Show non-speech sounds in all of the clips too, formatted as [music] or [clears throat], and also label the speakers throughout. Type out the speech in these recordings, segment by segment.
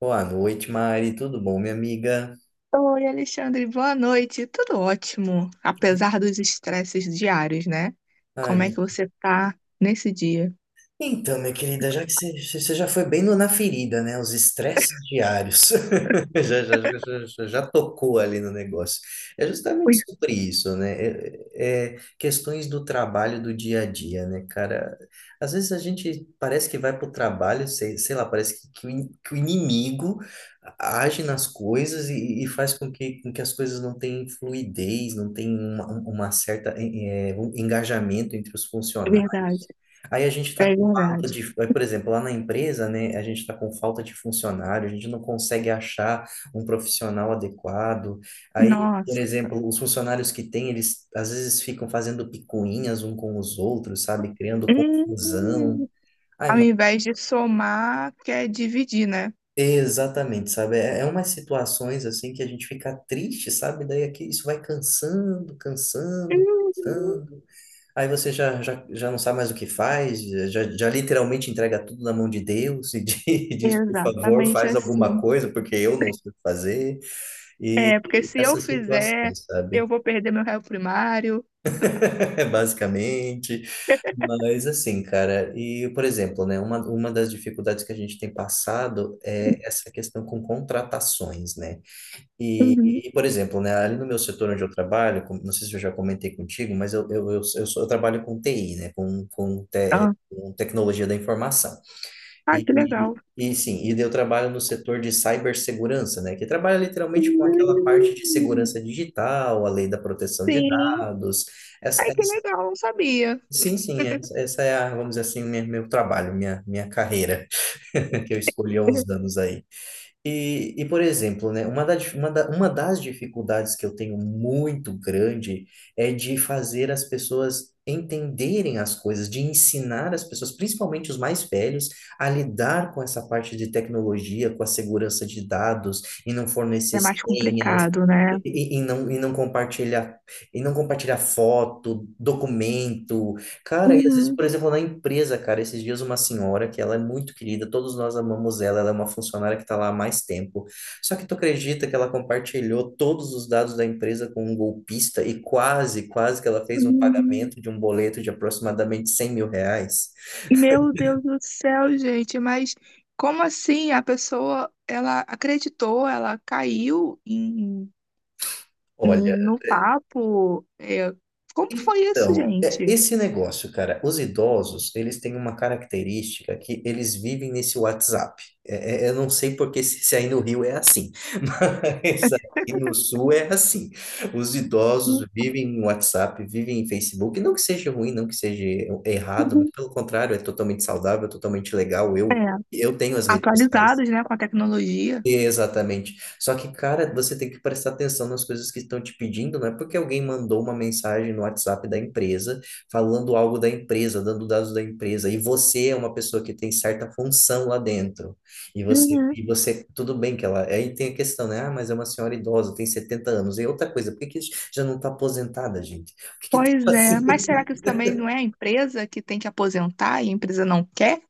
Speaker 1: Boa noite, Mari. Tudo bom, minha amiga?
Speaker 2: Oi, Alexandre, boa noite. Tudo ótimo, apesar dos estresses diários, né?
Speaker 1: Ai,
Speaker 2: Como é que
Speaker 1: minha
Speaker 2: você tá nesse dia?
Speaker 1: Então, minha querida, já que você já foi bem na ferida, né? Os estresses diários. [laughs] Já, tocou ali no negócio. É justamente
Speaker 2: Ui,
Speaker 1: sobre isso, né? É, é é questões do trabalho do dia a dia, né, cara? Às vezes a gente parece que vai para o trabalho, sei lá, parece que o inimigo age nas coisas e faz com que as coisas não tenham fluidez, não tenham uma certa, um engajamento entre os
Speaker 2: é
Speaker 1: funcionários.
Speaker 2: verdade,
Speaker 1: Aí a gente está
Speaker 2: é
Speaker 1: falta
Speaker 2: verdade.
Speaker 1: de, por exemplo, lá na empresa, né, a gente está com falta de funcionário, a gente não consegue achar um profissional adequado. Aí, por
Speaker 2: Nossa.
Speaker 1: exemplo, os funcionários que tem, eles às vezes ficam fazendo picuinhas um com os outros, sabe, criando confusão.
Speaker 2: Hum,
Speaker 1: Ai,
Speaker 2: Ao
Speaker 1: mano,
Speaker 2: invés de somar, quer dividir, né?
Speaker 1: exatamente, sabe? É, é umas situações assim que a gente fica triste, sabe? Daí aqui isso vai cansando, cansando,
Speaker 2: Uhum.
Speaker 1: cansando. Aí você já não sabe mais o que faz, já literalmente entrega tudo na mão de Deus e [laughs] diz, por favor,
Speaker 2: Exatamente
Speaker 1: faz alguma
Speaker 2: assim.
Speaker 1: coisa, porque eu não sei o que fazer.
Speaker 2: É,
Speaker 1: E
Speaker 2: porque se eu
Speaker 1: essas
Speaker 2: fizer,
Speaker 1: situações,
Speaker 2: eu
Speaker 1: sabe?
Speaker 2: vou perder meu réu primário.
Speaker 1: [laughs] Basicamente. Mas assim, cara, e por exemplo, né, uma das dificuldades que a gente tem passado é essa questão com contratações, né?
Speaker 2: Uhum.
Speaker 1: Por exemplo, né, ali no meu setor onde eu trabalho, não sei se eu já comentei contigo, mas eu trabalho com TI, né,
Speaker 2: Ah,
Speaker 1: com tecnologia da informação.
Speaker 2: ah, que
Speaker 1: E,
Speaker 2: legal.
Speaker 1: e, e sim, e daí eu trabalho no setor de cibersegurança, né, que trabalha literalmente com aquela parte de
Speaker 2: Hum.
Speaker 1: segurança digital, a lei da proteção de
Speaker 2: Sim.
Speaker 1: dados, essa,
Speaker 2: Ai, que
Speaker 1: essa,
Speaker 2: legal, não sabia.
Speaker 1: sim, sim, essa é a, vamos dizer assim, o meu trabalho, minha carreira, [laughs] que eu escolhi há uns
Speaker 2: [laughs]
Speaker 1: anos aí. Por exemplo, né, uma das dificuldades que eu tenho muito grande é de fazer as pessoas entenderem as coisas, de ensinar as pessoas, principalmente os mais velhos, a lidar com essa parte de tecnologia, com a segurança de dados, e não fornecer
Speaker 2: É mais
Speaker 1: senhas,
Speaker 2: complicado, né?
Speaker 1: e, e- e não, e não compartilhar, e não compartilhar foto, documento, Cara, e às vezes,
Speaker 2: Uhum,
Speaker 1: por exemplo, na empresa, cara, esses dias uma senhora que ela é muito querida, todos nós amamos ela, ela é uma funcionária que está lá há mais tempo. Só que tu acredita que ela compartilhou todos os dados da empresa com um golpista e quase, quase que ela fez um
Speaker 2: uhum.
Speaker 1: pagamento de um boleto de aproximadamente R$ 100.000?
Speaker 2: Meu Deus do céu, gente, mas como assim a pessoa, ela acreditou, ela caiu
Speaker 1: Olha,
Speaker 2: no papo? É, como foi isso,
Speaker 1: então,
Speaker 2: gente?
Speaker 1: esse negócio, cara, os idosos, eles têm uma característica que eles vivem nesse WhatsApp. Eu não sei porque se aí no Rio é assim, [laughs] mas aqui no Sul é assim. Os idosos vivem em WhatsApp, vivem em Facebook. Não que seja ruim, não que seja errado, mas
Speaker 2: Uhum.
Speaker 1: pelo contrário, é totalmente saudável, totalmente legal. Eu tenho as redes sociais.
Speaker 2: Atualizados, né, com a tecnologia.
Speaker 1: Exatamente. Só que, cara, você tem que prestar atenção nas coisas que estão te pedindo, não é porque alguém mandou uma mensagem no WhatsApp da empresa falando algo da empresa, dando dados da empresa, e você é uma pessoa que tem certa função lá dentro.
Speaker 2: Uhum.
Speaker 1: E você, tudo bem que ela. Aí tem a questão, né? Ah, mas é uma senhora idosa, tem 70 anos. E outra coisa, por que que já não está aposentada, gente? O que que tá
Speaker 2: Pois é, mas
Speaker 1: fazendo?
Speaker 2: será que isso também não é a empresa que tem que aposentar e a empresa não quer?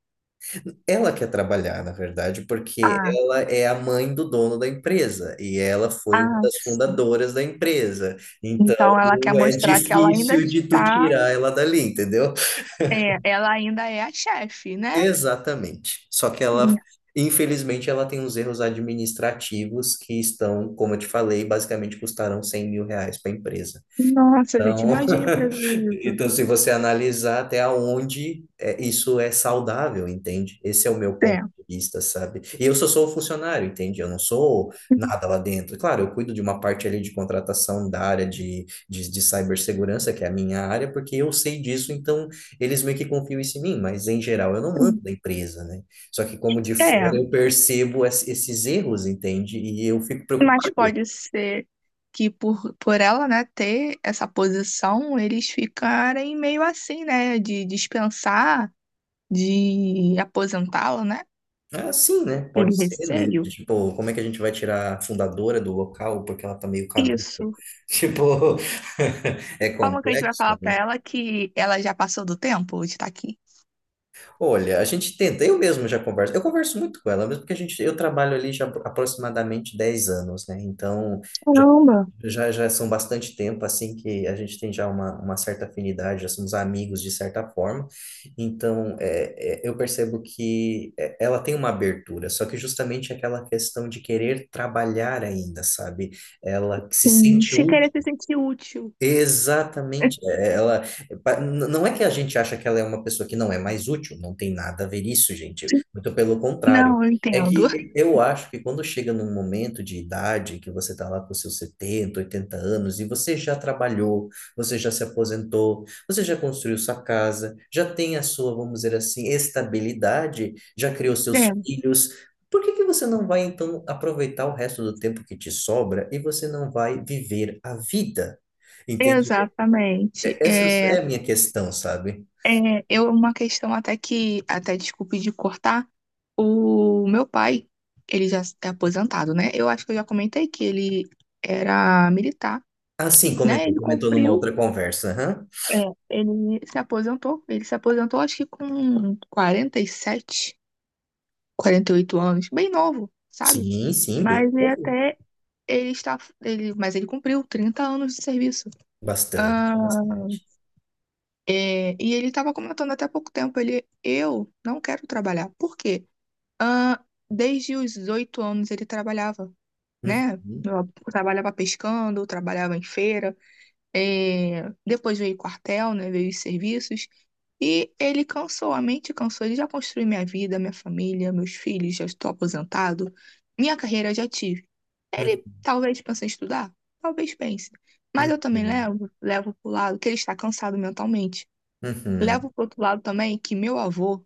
Speaker 1: Ela quer trabalhar, na verdade, porque
Speaker 2: Ah,
Speaker 1: ela é a mãe do dono da empresa e ela foi uma
Speaker 2: ah,
Speaker 1: das
Speaker 2: sim.
Speaker 1: fundadoras da empresa. Então,
Speaker 2: Então ela quer
Speaker 1: é
Speaker 2: mostrar que ela ainda
Speaker 1: difícil de tu
Speaker 2: está.
Speaker 1: tirar ela dali, entendeu?
Speaker 2: É, ela ainda é a chefe, né? É.
Speaker 1: Exatamente. Só que ela, infelizmente, ela tem uns erros administrativos que estão, como eu te falei, basicamente custaram R$ 100.000 para a empresa.
Speaker 2: Nossa, gente,
Speaker 1: Então,
Speaker 2: imagine o prejuízo.
Speaker 1: então, se você analisar até onde é, isso é saudável, entende? Esse é o meu
Speaker 2: É.
Speaker 1: ponto de vista, sabe? E eu só sou funcionário, entende? Eu não sou nada lá dentro. Claro, eu cuido de uma parte ali de contratação da área de cibersegurança, que é a minha área, porque eu sei disso, então eles meio que confiam isso em mim, mas em geral eu não mando da empresa, né? Só que como de
Speaker 2: É,
Speaker 1: fora eu percebo esses erros, entende? E eu fico
Speaker 2: mas
Speaker 1: preocupado.
Speaker 2: pode ser que por ela, né, ter essa posição, eles ficarem meio assim, né, de dispensar, de aposentá-la, né?
Speaker 1: Ah, sim, né? Pode
Speaker 2: Ele
Speaker 1: ser, né?
Speaker 2: receio.
Speaker 1: Tipo, como é que a gente vai tirar a fundadora do local porque ela tá meio caduca?
Speaker 2: Isso.
Speaker 1: [laughs] Tipo, [laughs] é
Speaker 2: Como que a gente vai
Speaker 1: complexo,
Speaker 2: falar pra
Speaker 1: né?
Speaker 2: ela que ela já passou do tempo de estar aqui?
Speaker 1: Olha, a gente tenta, eu mesmo já converso, eu converso muito com ela, mesmo porque a gente, eu trabalho ali já aproximadamente 10 anos, né? Então,
Speaker 2: Caramba,
Speaker 1: Já são bastante tempo, assim, que a gente tem já uma certa afinidade, já somos amigos de certa forma. Então, eu percebo que é, ela tem uma abertura, só que justamente aquela questão de querer trabalhar ainda, sabe? Ela se
Speaker 2: sim.
Speaker 1: sente
Speaker 2: Se
Speaker 1: útil.
Speaker 2: querer se sentir útil.
Speaker 1: Exatamente. Ela não é que a gente acha que ela é uma pessoa que não é mais útil, não tem nada a ver isso, gente. Muito pelo contrário.
Speaker 2: Não, eu
Speaker 1: É
Speaker 2: entendo.
Speaker 1: que eu acho que quando chega num momento de idade que você está lá com seus 70, 80 anos e você já trabalhou, você já se aposentou, você já construiu sua casa, já tem a sua, vamos dizer assim, estabilidade, já criou seus
Speaker 2: É,
Speaker 1: filhos, por que que você não vai então aproveitar o resto do tempo que te sobra e você não vai viver a vida? Entendi.
Speaker 2: exatamente.
Speaker 1: Essa é a minha questão, sabe?
Speaker 2: Eu, uma questão até que, até desculpe de cortar, o meu pai, ele já é aposentado, né? Eu acho que eu já comentei que ele era militar,
Speaker 1: Ah, sim,
Speaker 2: né?
Speaker 1: comentou,
Speaker 2: Ele
Speaker 1: comentou numa
Speaker 2: cumpriu,
Speaker 1: outra conversa. Aham.
Speaker 2: é, ele se aposentou, acho que com quarenta quarenta e sete 48 anos, bem novo, sabe?
Speaker 1: Sim, sim, bem.
Speaker 2: Mas ele
Speaker 1: Envolvido.
Speaker 2: até, ele está, ele, mas ele cumpriu 30 anos de serviço.
Speaker 1: Bastante, bastante.
Speaker 2: É, e ele estava comentando até há pouco tempo, eu não quero trabalhar. Por quê? Ah, desde os 8 anos ele trabalhava, né?
Speaker 1: Uhum,
Speaker 2: Eu trabalhava pescando, trabalhava em feira, depois veio o quartel, né? Veio os serviços. E ele cansou, a mente cansou. Ele já construiu minha vida, minha família, meus filhos, já estou aposentado, minha carreira já tive. Ele talvez pense em estudar, talvez pense. Mas
Speaker 1: uhum,
Speaker 2: eu também
Speaker 1: uhum,
Speaker 2: levo pro lado que ele está cansado mentalmente.
Speaker 1: uhum,
Speaker 2: Levo pro outro lado também que meu avô,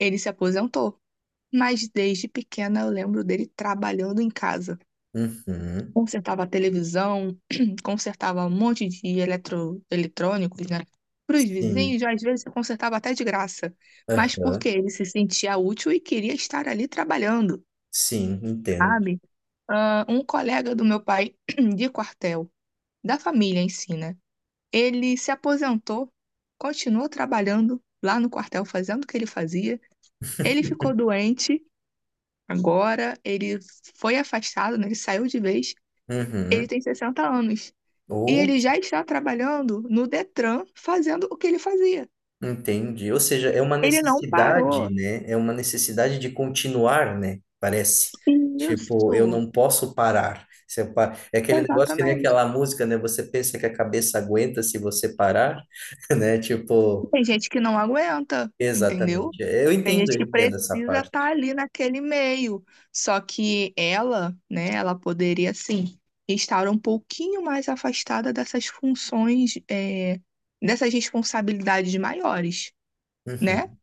Speaker 2: ele se aposentou, mas desde pequena eu lembro dele trabalhando em casa.
Speaker 1: uhum.
Speaker 2: Consertava a televisão, [clears throat] consertava um monte de eletrônicos, né? Para os
Speaker 1: Sim,
Speaker 2: vizinhos, às vezes consertava até de graça, mas porque
Speaker 1: aham,
Speaker 2: ele se sentia útil e queria estar ali trabalhando,
Speaker 1: sim, entendo.
Speaker 2: sabe? Ah, um colega do meu pai [clears throat] de quartel, da família em si, né? Ele se aposentou, continuou trabalhando lá no quartel, fazendo o que ele fazia. Ele ficou doente agora, ele foi afastado, né? Ele saiu de vez. Ele
Speaker 1: Uhum.
Speaker 2: tem 60 anos. E
Speaker 1: Ou
Speaker 2: ele já está trabalhando no Detran, fazendo o que ele fazia.
Speaker 1: entendi. Ou seja, é uma
Speaker 2: Ele não
Speaker 1: necessidade,
Speaker 2: parou.
Speaker 1: né? É uma necessidade de continuar, né? Parece. Tipo,
Speaker 2: Isso,
Speaker 1: eu não posso parar. Se eu pa- É aquele negócio que nem
Speaker 2: exatamente.
Speaker 1: aquela música, né? Você pensa que a cabeça aguenta se você parar, [laughs] né? Tipo,
Speaker 2: Tem gente que não aguenta, entendeu?
Speaker 1: exatamente.
Speaker 2: Tem gente
Speaker 1: Eu
Speaker 2: que
Speaker 1: entendo essa
Speaker 2: precisa
Speaker 1: parte.
Speaker 2: estar ali naquele meio. Só que ela, né, ela poderia sim estar um pouquinho mais afastada dessas funções, dessas responsabilidades maiores. Né?
Speaker 1: Uhum.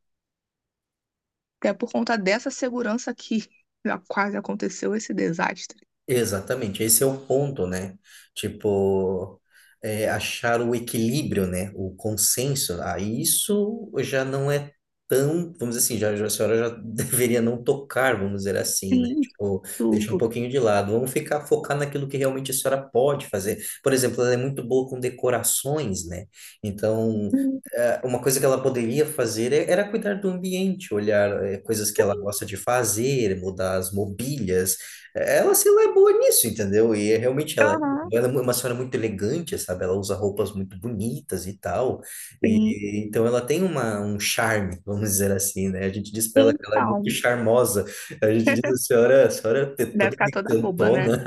Speaker 2: É por conta dessa segurança que [laughs] já quase aconteceu esse desastre.
Speaker 1: Exatamente, esse é o ponto, né? Tipo, é, achar o equilíbrio, né? O consenso. Ah, isso já não é tão, vamos dizer assim, a senhora já [laughs] deveria não tocar, vamos dizer assim, né? Tipo, deixa um
Speaker 2: Isso.
Speaker 1: pouquinho de lado. Vamos ficar focar naquilo que realmente a senhora pode fazer. Por exemplo, ela é muito boa com decorações, né? Então,
Speaker 2: Hum.
Speaker 1: uma coisa que ela poderia fazer era cuidar do ambiente, olhar coisas que ela
Speaker 2: Sim,
Speaker 1: gosta de fazer, mudar as mobílias, ela, se lá, é boa nisso, entendeu?
Speaker 2: aham,
Speaker 1: Ela é uma senhora muito elegante, sabe? Ela usa roupas muito bonitas e tal.
Speaker 2: sim.
Speaker 1: E então ela tem um charme, [laughs] vamos dizer assim, né? A gente diz para ela que ela é muito
Speaker 2: Então,
Speaker 1: charmosa. A gente diz, a senhora é
Speaker 2: deve
Speaker 1: toda
Speaker 2: ficar toda boba, né?
Speaker 1: encantona.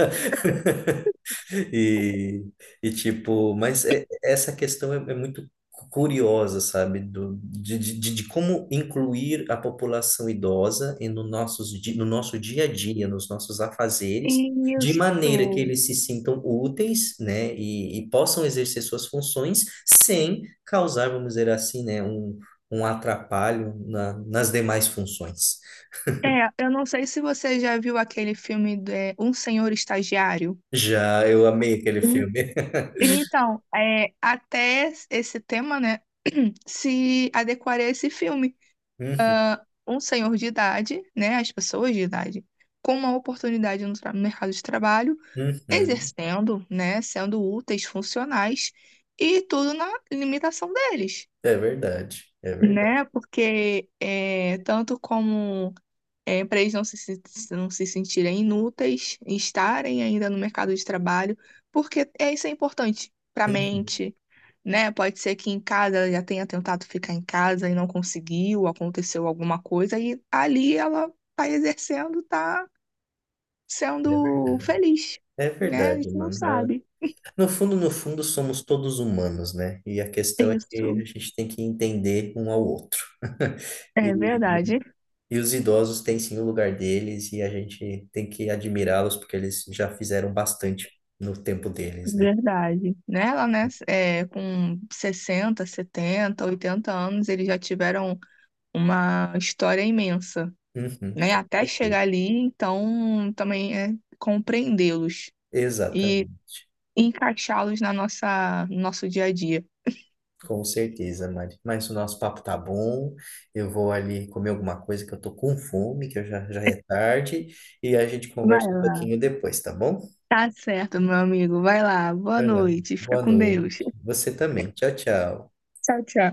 Speaker 1: E, e tipo, mas essa questão é, é muito curiosa, sabe? Do, de como incluir a população idosa no nosso dia a dia, nos nossos afazeres, de
Speaker 2: Isso.
Speaker 1: maneira que eles se sintam úteis, né? E possam exercer suas funções sem causar, vamos dizer assim, né? Um atrapalho nas demais funções.
Speaker 2: É, eu não sei se você já viu aquele filme de Um Senhor Estagiário.
Speaker 1: Já eu amei aquele
Speaker 2: hum,
Speaker 1: filme. [laughs]
Speaker 2: então, até esse tema, né? [clears throat] Se adequaria a esse filme.
Speaker 1: Uhum,
Speaker 2: Um senhor de idade, né? As pessoas de idade, com uma oportunidade no mercado de trabalho.
Speaker 1: uhum.
Speaker 2: Exercendo, né, sendo úteis, funcionais, e tudo na limitação deles,
Speaker 1: É verdade, é verdade.
Speaker 2: né? Porque é, tanto como é, para eles não não se sentirem inúteis, estarem ainda no mercado de trabalho, porque é, isso é importante para a
Speaker 1: Uhum.
Speaker 2: mente, né? Pode ser que em casa já tenha tentado ficar em casa e não conseguiu, aconteceu alguma coisa, e ali ela está exercendo, está
Speaker 1: É ver-
Speaker 2: sendo feliz,
Speaker 1: é
Speaker 2: né? A
Speaker 1: verdade,
Speaker 2: gente não
Speaker 1: mano. Ah,
Speaker 2: sabe.
Speaker 1: no fundo, no fundo, somos todos humanos, né? E a questão é que
Speaker 2: Isso.
Speaker 1: a gente tem que entender um ao outro. [laughs]
Speaker 2: É
Speaker 1: E,
Speaker 2: verdade,
Speaker 1: e os idosos têm sim o lugar deles e a gente tem que admirá-los porque eles já fizeram bastante no tempo deles, né?
Speaker 2: verdade. Né? Lá, né, com 60, 70, 80 anos, eles já tiveram uma história imensa,
Speaker 1: Uhum,
Speaker 2: né?
Speaker 1: com
Speaker 2: Até
Speaker 1: certeza.
Speaker 2: chegar ali, então também é compreendê-los e
Speaker 1: Exatamente.
Speaker 2: encaixá-los no nosso dia a dia.
Speaker 1: Com certeza, Mari. Mas o nosso papo tá bom. Eu vou ali comer alguma coisa que eu tô com fome, que eu já é tarde, e a gente
Speaker 2: Vai
Speaker 1: conversa um
Speaker 2: lá.
Speaker 1: pouquinho depois, tá bom?
Speaker 2: Tá certo, meu amigo. Vai lá. Boa
Speaker 1: Vai lá.
Speaker 2: noite. Fica
Speaker 1: Boa
Speaker 2: com Deus. [laughs]
Speaker 1: noite. Você também. Tchau, tchau.
Speaker 2: Tchau, tchau.